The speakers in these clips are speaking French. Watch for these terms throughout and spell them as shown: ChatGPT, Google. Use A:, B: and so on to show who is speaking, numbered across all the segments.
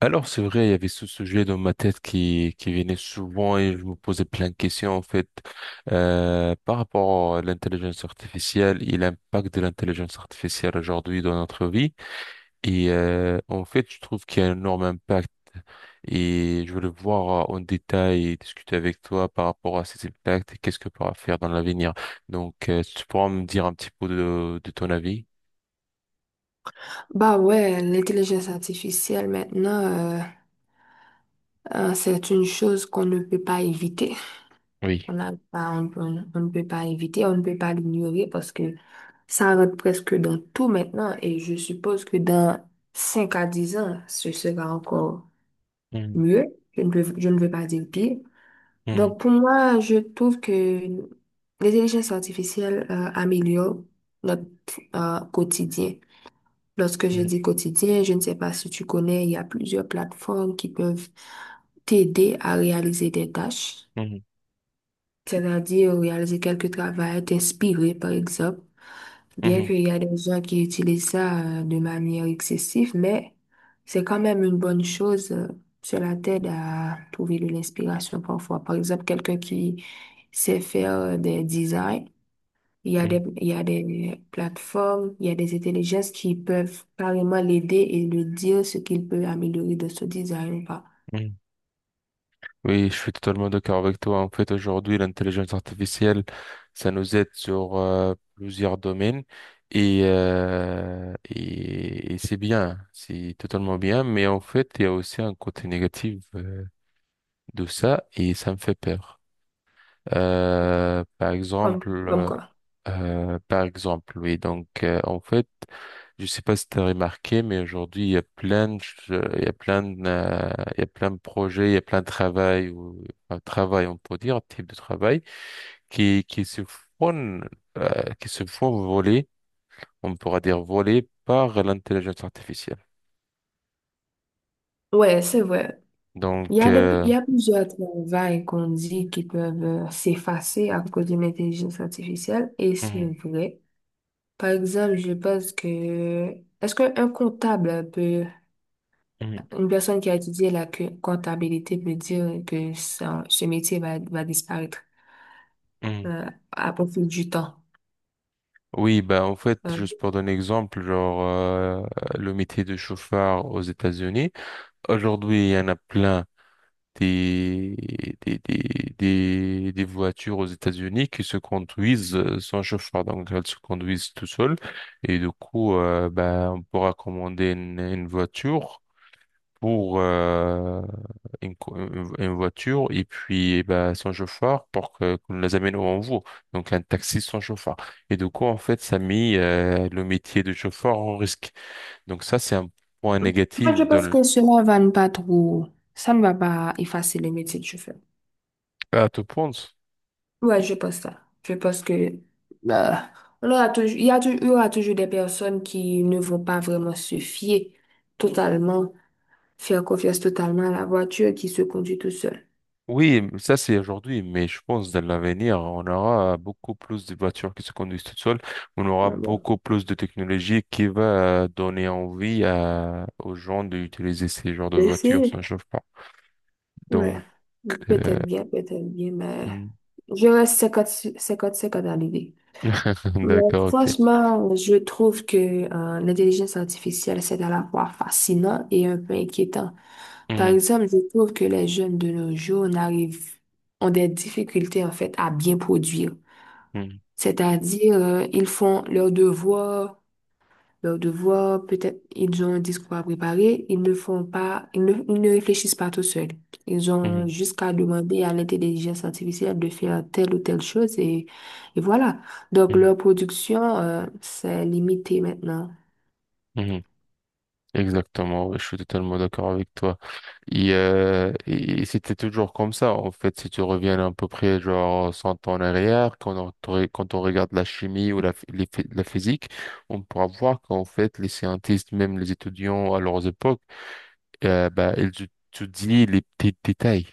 A: Alors, c'est vrai, il y avait ce sujet dans ma tête qui venait souvent et je me posais plein de questions, en fait, par rapport à l'intelligence artificielle et l'impact de l'intelligence artificielle aujourd'hui dans notre vie. Et, en fait, je trouve qu'il y a un énorme impact et je voulais voir en détail et discuter avec toi par rapport à ces impacts et qu'est-ce que pourra faire dans l'avenir. Donc, si tu pourras me dire un petit peu de ton avis?
B: Bah ouais, l'intelligence artificielle maintenant, c'est une chose qu'on ne peut pas éviter.
A: Oui.
B: On ne peut pas éviter, on ne peut pas l'ignorer parce que ça rentre presque dans tout maintenant, et je suppose que dans 5 à 10 ans, ce sera encore
A: Mhm,
B: mieux. Je ne veux pas dire pire.
A: mhm,
B: Donc pour moi, je trouve que l'intelligence artificielle, améliore notre, quotidien. Lorsque je dis quotidien, je ne sais pas si tu connais, il y a plusieurs plateformes qui peuvent t'aider à réaliser des tâches,
A: mhm,
B: c'est-à-dire réaliser quelques travaux, t'inspirer par exemple.
A: mhm,
B: Bien
A: mhm,
B: qu'il y a des gens qui utilisent ça de manière excessive, mais c'est quand même une bonne chose. Cela t'aide à trouver de l'inspiration parfois. Par exemple, quelqu'un qui sait faire des designs.
A: mhm,
B: Il y a des plateformes, il y a des intelligences qui peuvent carrément l'aider et lui dire ce qu'il peut améliorer de ce design ou pas.
A: mhm. Oui, je suis totalement d'accord avec toi. En fait, aujourd'hui, l'intelligence artificielle, ça nous aide sur plusieurs domaines et c'est bien, c'est totalement bien. Mais en fait, il y a aussi un côté négatif de ça et ça me fait peur. Euh, par
B: Comme
A: exemple,
B: quoi.
A: par exemple, oui. Donc, en fait. Je sais pas si tu as remarqué, mais aujourd'hui, il y a plein de projets, il y a plein de travail, ou, enfin, travail, on peut dire, type de travail, qui, qui se font, qui se font voler, on pourra dire voler par l'intelligence artificielle.
B: Ouais, c'est vrai.
A: Donc,
B: Il y a plusieurs travails qu'on dit qui peuvent s'effacer à cause d'une intelligence artificielle, et c'est
A: mhm,
B: vrai. Par exemple, je pense que est-ce qu'un comptable peut,
A: mhm,
B: une personne qui a étudié la comptabilité peut dire que ce métier va, va disparaître
A: mhm.
B: euh, à profit du temps?
A: Oui, bah, en fait,
B: euh,
A: juste pour donner un exemple, genre, le métier de chauffeur aux États-Unis. Aujourd'hui, il y en a plein des, des, des, des voitures aux États-Unis qui se conduisent sans chauffeur. Donc, elles se conduisent tout seules. Et du coup, ben, on pourra commander une voiture pour une voiture et puis ben, sans chauffeur pour que qu'on les amène où on veut. Donc, un taxi sans chauffeur. Et du coup, en fait, ça a mis le métier de chauffeur en risque. Donc, ça, c'est un point
B: Moi, je
A: négatif dans
B: pense
A: le.
B: que cela va ne pas trop, ça ne va pas effacer le métier que je fais.
A: Ah, tu penses?
B: Ouais, je pense ça. Je pense que euh, on aura toujours, il y a toujours, il y aura toujours des personnes qui ne vont pas vraiment se fier totalement, faire confiance totalement à la voiture qui se conduit tout seul.
A: Oui, mais ça c'est aujourd'hui, mais je pense dans l'avenir, on aura beaucoup plus de voitures qui se conduisent toutes seules. On aura
B: Ouais, bon.
A: beaucoup plus de technologie qui va donner envie aux gens d'utiliser ces genres de
B: Et
A: voitures sans chauffement.
B: ouais.
A: Donc, euh,
B: Peut-être bien, mais
A: hmm.
B: je reste 50-50 à l'idée. Mais
A: D'accord, ok.
B: franchement, je trouve que l'intelligence artificielle, c'est à la fois fascinant et un peu inquiétant. Par
A: Mhm,
B: exemple, je trouve que les jeunes de nos jours n'arrivent, ont des difficultés en fait à bien produire.
A: mhm,
B: C'est-à-dire, ils font leurs devoirs, peut-être ils ont un discours à préparer, ils ne font pas, ils ne réfléchissent pas tout seuls. Ils ont
A: mhm,
B: jusqu'à demander à l'intelligence artificielle de faire telle ou telle chose, et voilà. Donc
A: mhm,
B: leur production, c'est limité maintenant.
A: mhm. Exactement, ouais, je suis totalement d'accord avec toi. Et c'était toujours comme ça, en fait. Si tu reviens à peu près genre 100 ans en arrière, quand on, re- quand on regarde la chimie ou la physique, on pourra voir qu'en fait, les scientifiques, même les étudiants à leurs époques, bah, les petits détails.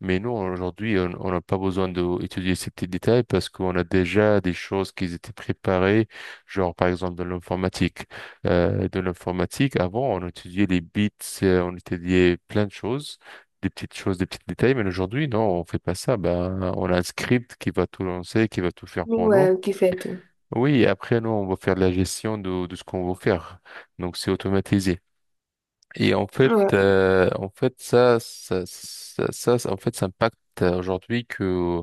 A: Mais nous, aujourd'hui, on n'a pas besoin d'étudier ces petits détails parce qu'on a déjà des choses qui étaient préparées, genre par exemple de l'informatique. Dans l'informatique, avant, on étudiait les bits, on étudiait plein de choses, des petites choses, des petits détails, mais aujourd'hui, non, on fait pas ça. Ben, on a un script qui va tout lancer, qui va tout faire pour nous.
B: Ouais, qui fait tout.
A: Oui, et après, nous, on va faire la gestion de ce qu'on veut faire. Donc, c'est automatisé. Et
B: Ouais.
A: en fait, ça impacte aujourd'hui que,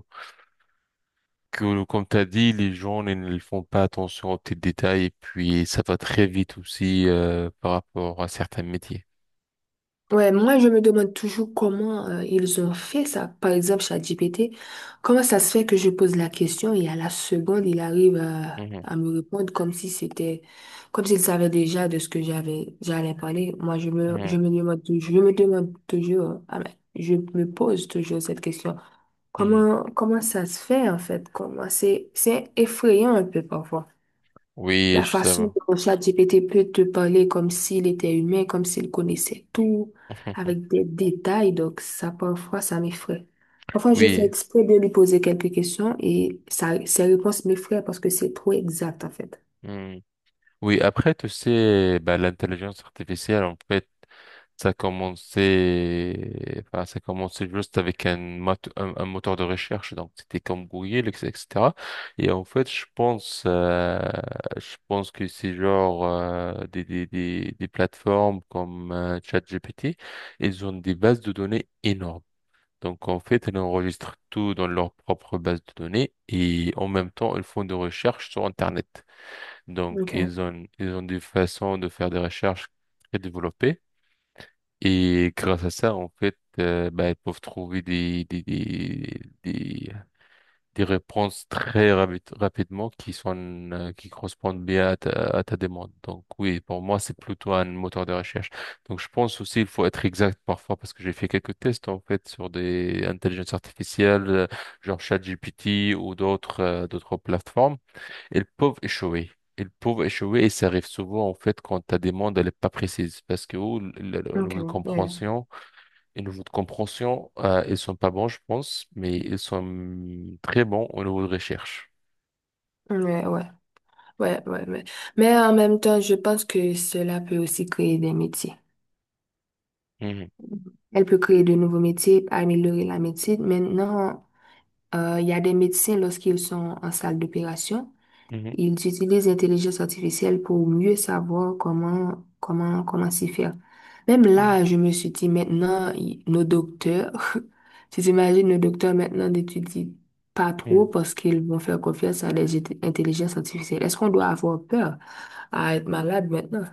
A: que, comme t'as dit, les gens ils ne font pas attention aux petits détails et puis ça va très vite aussi par rapport à certains métiers.
B: Ouais, moi je me demande toujours comment ils ont fait ça. Par exemple, ChatGPT, comment ça se fait que je pose la question et à la seconde, il arrive
A: Mhm,
B: à me répondre comme si c'était, comme s'il savait déjà de ce que j'avais, j'allais parler. Moi, je me demande, je me demande toujours, ah ben, je me pose toujours cette question.
A: mhm, mhm.
B: Comment ça se fait en fait? Comment, c'est effrayant un peu parfois.
A: Oui,
B: La
A: je savais.
B: façon dont ChatGPT peut te parler comme s'il était humain, comme s'il connaissait tout, avec des détails, donc ça, parfois, ça m'effraie. Parfois, je fais
A: Oui.
B: exprès de lui poser quelques questions et ça, ses réponses m'effraient parce que c'est trop exact, en fait.
A: Mmh. Oui, après, tu sais, bah, l'intelligence artificielle, en fait, ça a commencé, enfin, ça a commencé juste avec un, mot- un moteur de recherche, donc c'était comme Google, etc. etc. Et en fait, je pense que c'est genre des plateformes comme ChatGPT, ils ont des bases de données énormes. Donc, en fait, elles enregistrent tout dans leur propre base de données et en même temps, elles font des recherches sur Internet. Donc,
B: Ok,
A: ils ont des façons de faire des recherches très développées. Et grâce à ça, en fait, bah, ils peuvent trouver des réponses très rapidement, qui correspondent bien à ta demande. Donc, oui, pour moi, c'est plutôt un moteur de recherche. Donc, je pense aussi il faut être exact parfois parce que j'ai fait quelques tests, en fait, sur des intelligences artificielles, genre ChatGPT ou d'autres plateformes. Ils peuvent échouer. Ils peuvent échouer et ça arrive souvent en fait quand ta demande elle est pas précise parce que oh, le niveau
B: ok,
A: de
B: ouais,
A: compréhension, le niveau de compréhension, ils sont pas bons je pense, mais ils sont très bons au niveau de recherche.
B: ouais, ouais, ouais, ouais, mais en même temps, je pense que cela peut aussi créer des métiers.
A: Mhm,
B: Elle peut créer de nouveaux métiers, améliorer la médecine. Maintenant, il y a des médecins, lorsqu'ils sont en salle d'opération,
A: mhm,
B: ils utilisent l'intelligence artificielle pour mieux savoir comment, comment s'y faire. Même
A: mhm,
B: là, je me suis dit, maintenant, nos docteurs, tu t'imagines nos docteurs maintenant n'étudient pas trop
A: mhm.
B: parce qu'ils vont faire confiance à des intelligences artificielles. Est-ce qu'on doit avoir peur à être malade maintenant?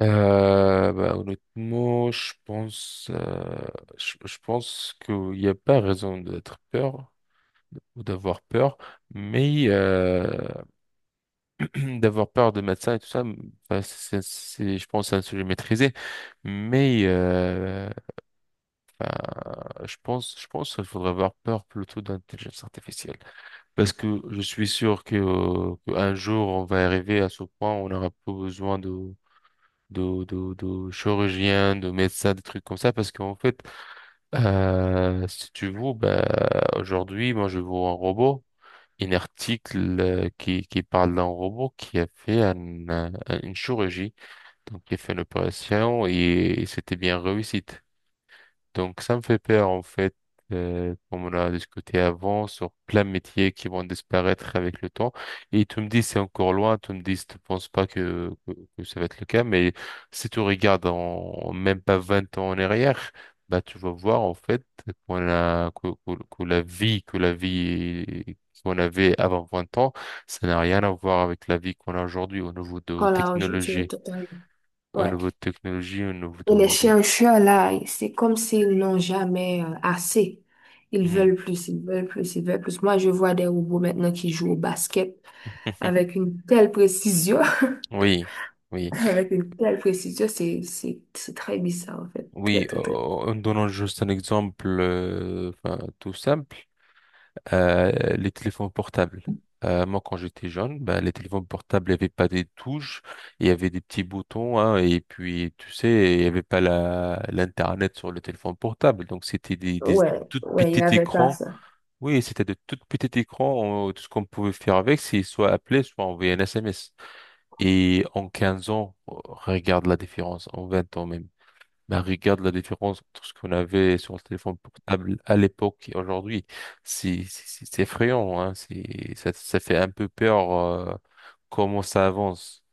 A: Bah, honnêtement, je pense qu'il n'y a pas raison d'être peur ou d'avoir peur, mais d'avoir peur de médecins et tout ça, enfin, je pense, c'est un sujet maîtrisé. Mais enfin, je pense qu'il faudrait avoir peur plutôt d'intelligence artificielle. Parce que je suis sûr qu'un jour, on va arriver à ce point où on n'aura plus besoin de chirurgiens, de médecins, des trucs comme ça. Parce qu'en fait, si tu veux, bah, aujourd'hui, moi, je vois un article qui parle d'un robot qui a fait une chirurgie. Donc, j'ai fait l'opération et c'était bien réussite. Donc, ça me fait peur, en fait, comme on a discuté avant, sur plein de métiers qui vont disparaître avec le temps. Et tu me dis, c'est encore loin, tu me dis, tu ne penses pas que ça va être le cas, mais si tu regardes en même pas 20 ans en arrière, bah, tu vas voir, en fait, qu'on a, que la vie qu'on avait avant 20 ans, ça n'a rien à voir avec la vie qu'on a aujourd'hui
B: Quand là, aujourd'hui, on est totalement...
A: au
B: Ouais.
A: niveau de technologie, au niveau
B: Et les
A: de.
B: chercheurs, là, c'est comme s'ils n'ont jamais assez. Ils
A: Hmm.
B: veulent plus, ils veulent plus, ils veulent plus. Moi, je vois des robots maintenant qui jouent au basket avec une telle précision.
A: Oui, oui,
B: Avec une telle précision, c'est très bizarre, en fait. Très,
A: oui.
B: très, très.
A: En donnant juste un exemple enfin, tout simple, les téléphones portables. Moi, quand j'étais jeune, ben, les téléphones portables n'avaient pas des touches, il y avait des petits boutons, hein, et puis, tu sais, il n'y avait pas l'Internet sur le téléphone portable. Donc, c'était des
B: Ouais,
A: tout
B: ouais, il n'y
A: petits
B: avait pas
A: écrans.
B: ça.
A: Oui, c'était de tout petits écrans. Tout ce qu'on pouvait faire avec, c'est soit appeler, soit envoyer un SMS. Et en 15 ans, regarde la différence, en 20 ans même. Ben, regarde la différence entre ce qu'on avait sur le téléphone portable à l'époque et aujourd'hui. C'est effrayant, hein. Ça fait un peu peur, comment ça avance.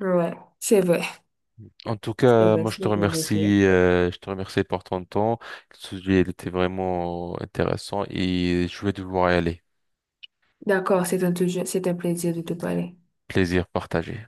B: Ouais, c'est vrai.
A: En tout
B: C'est
A: cas,
B: vrai,
A: moi, je te
B: c'est très vrai.
A: remercie, euh, je te remercie pour ton temps. Le sujet, il était vraiment intéressant et je vais devoir y aller.
B: D'accord, c'est un, c'est un plaisir de te parler.
A: Plaisir partagé.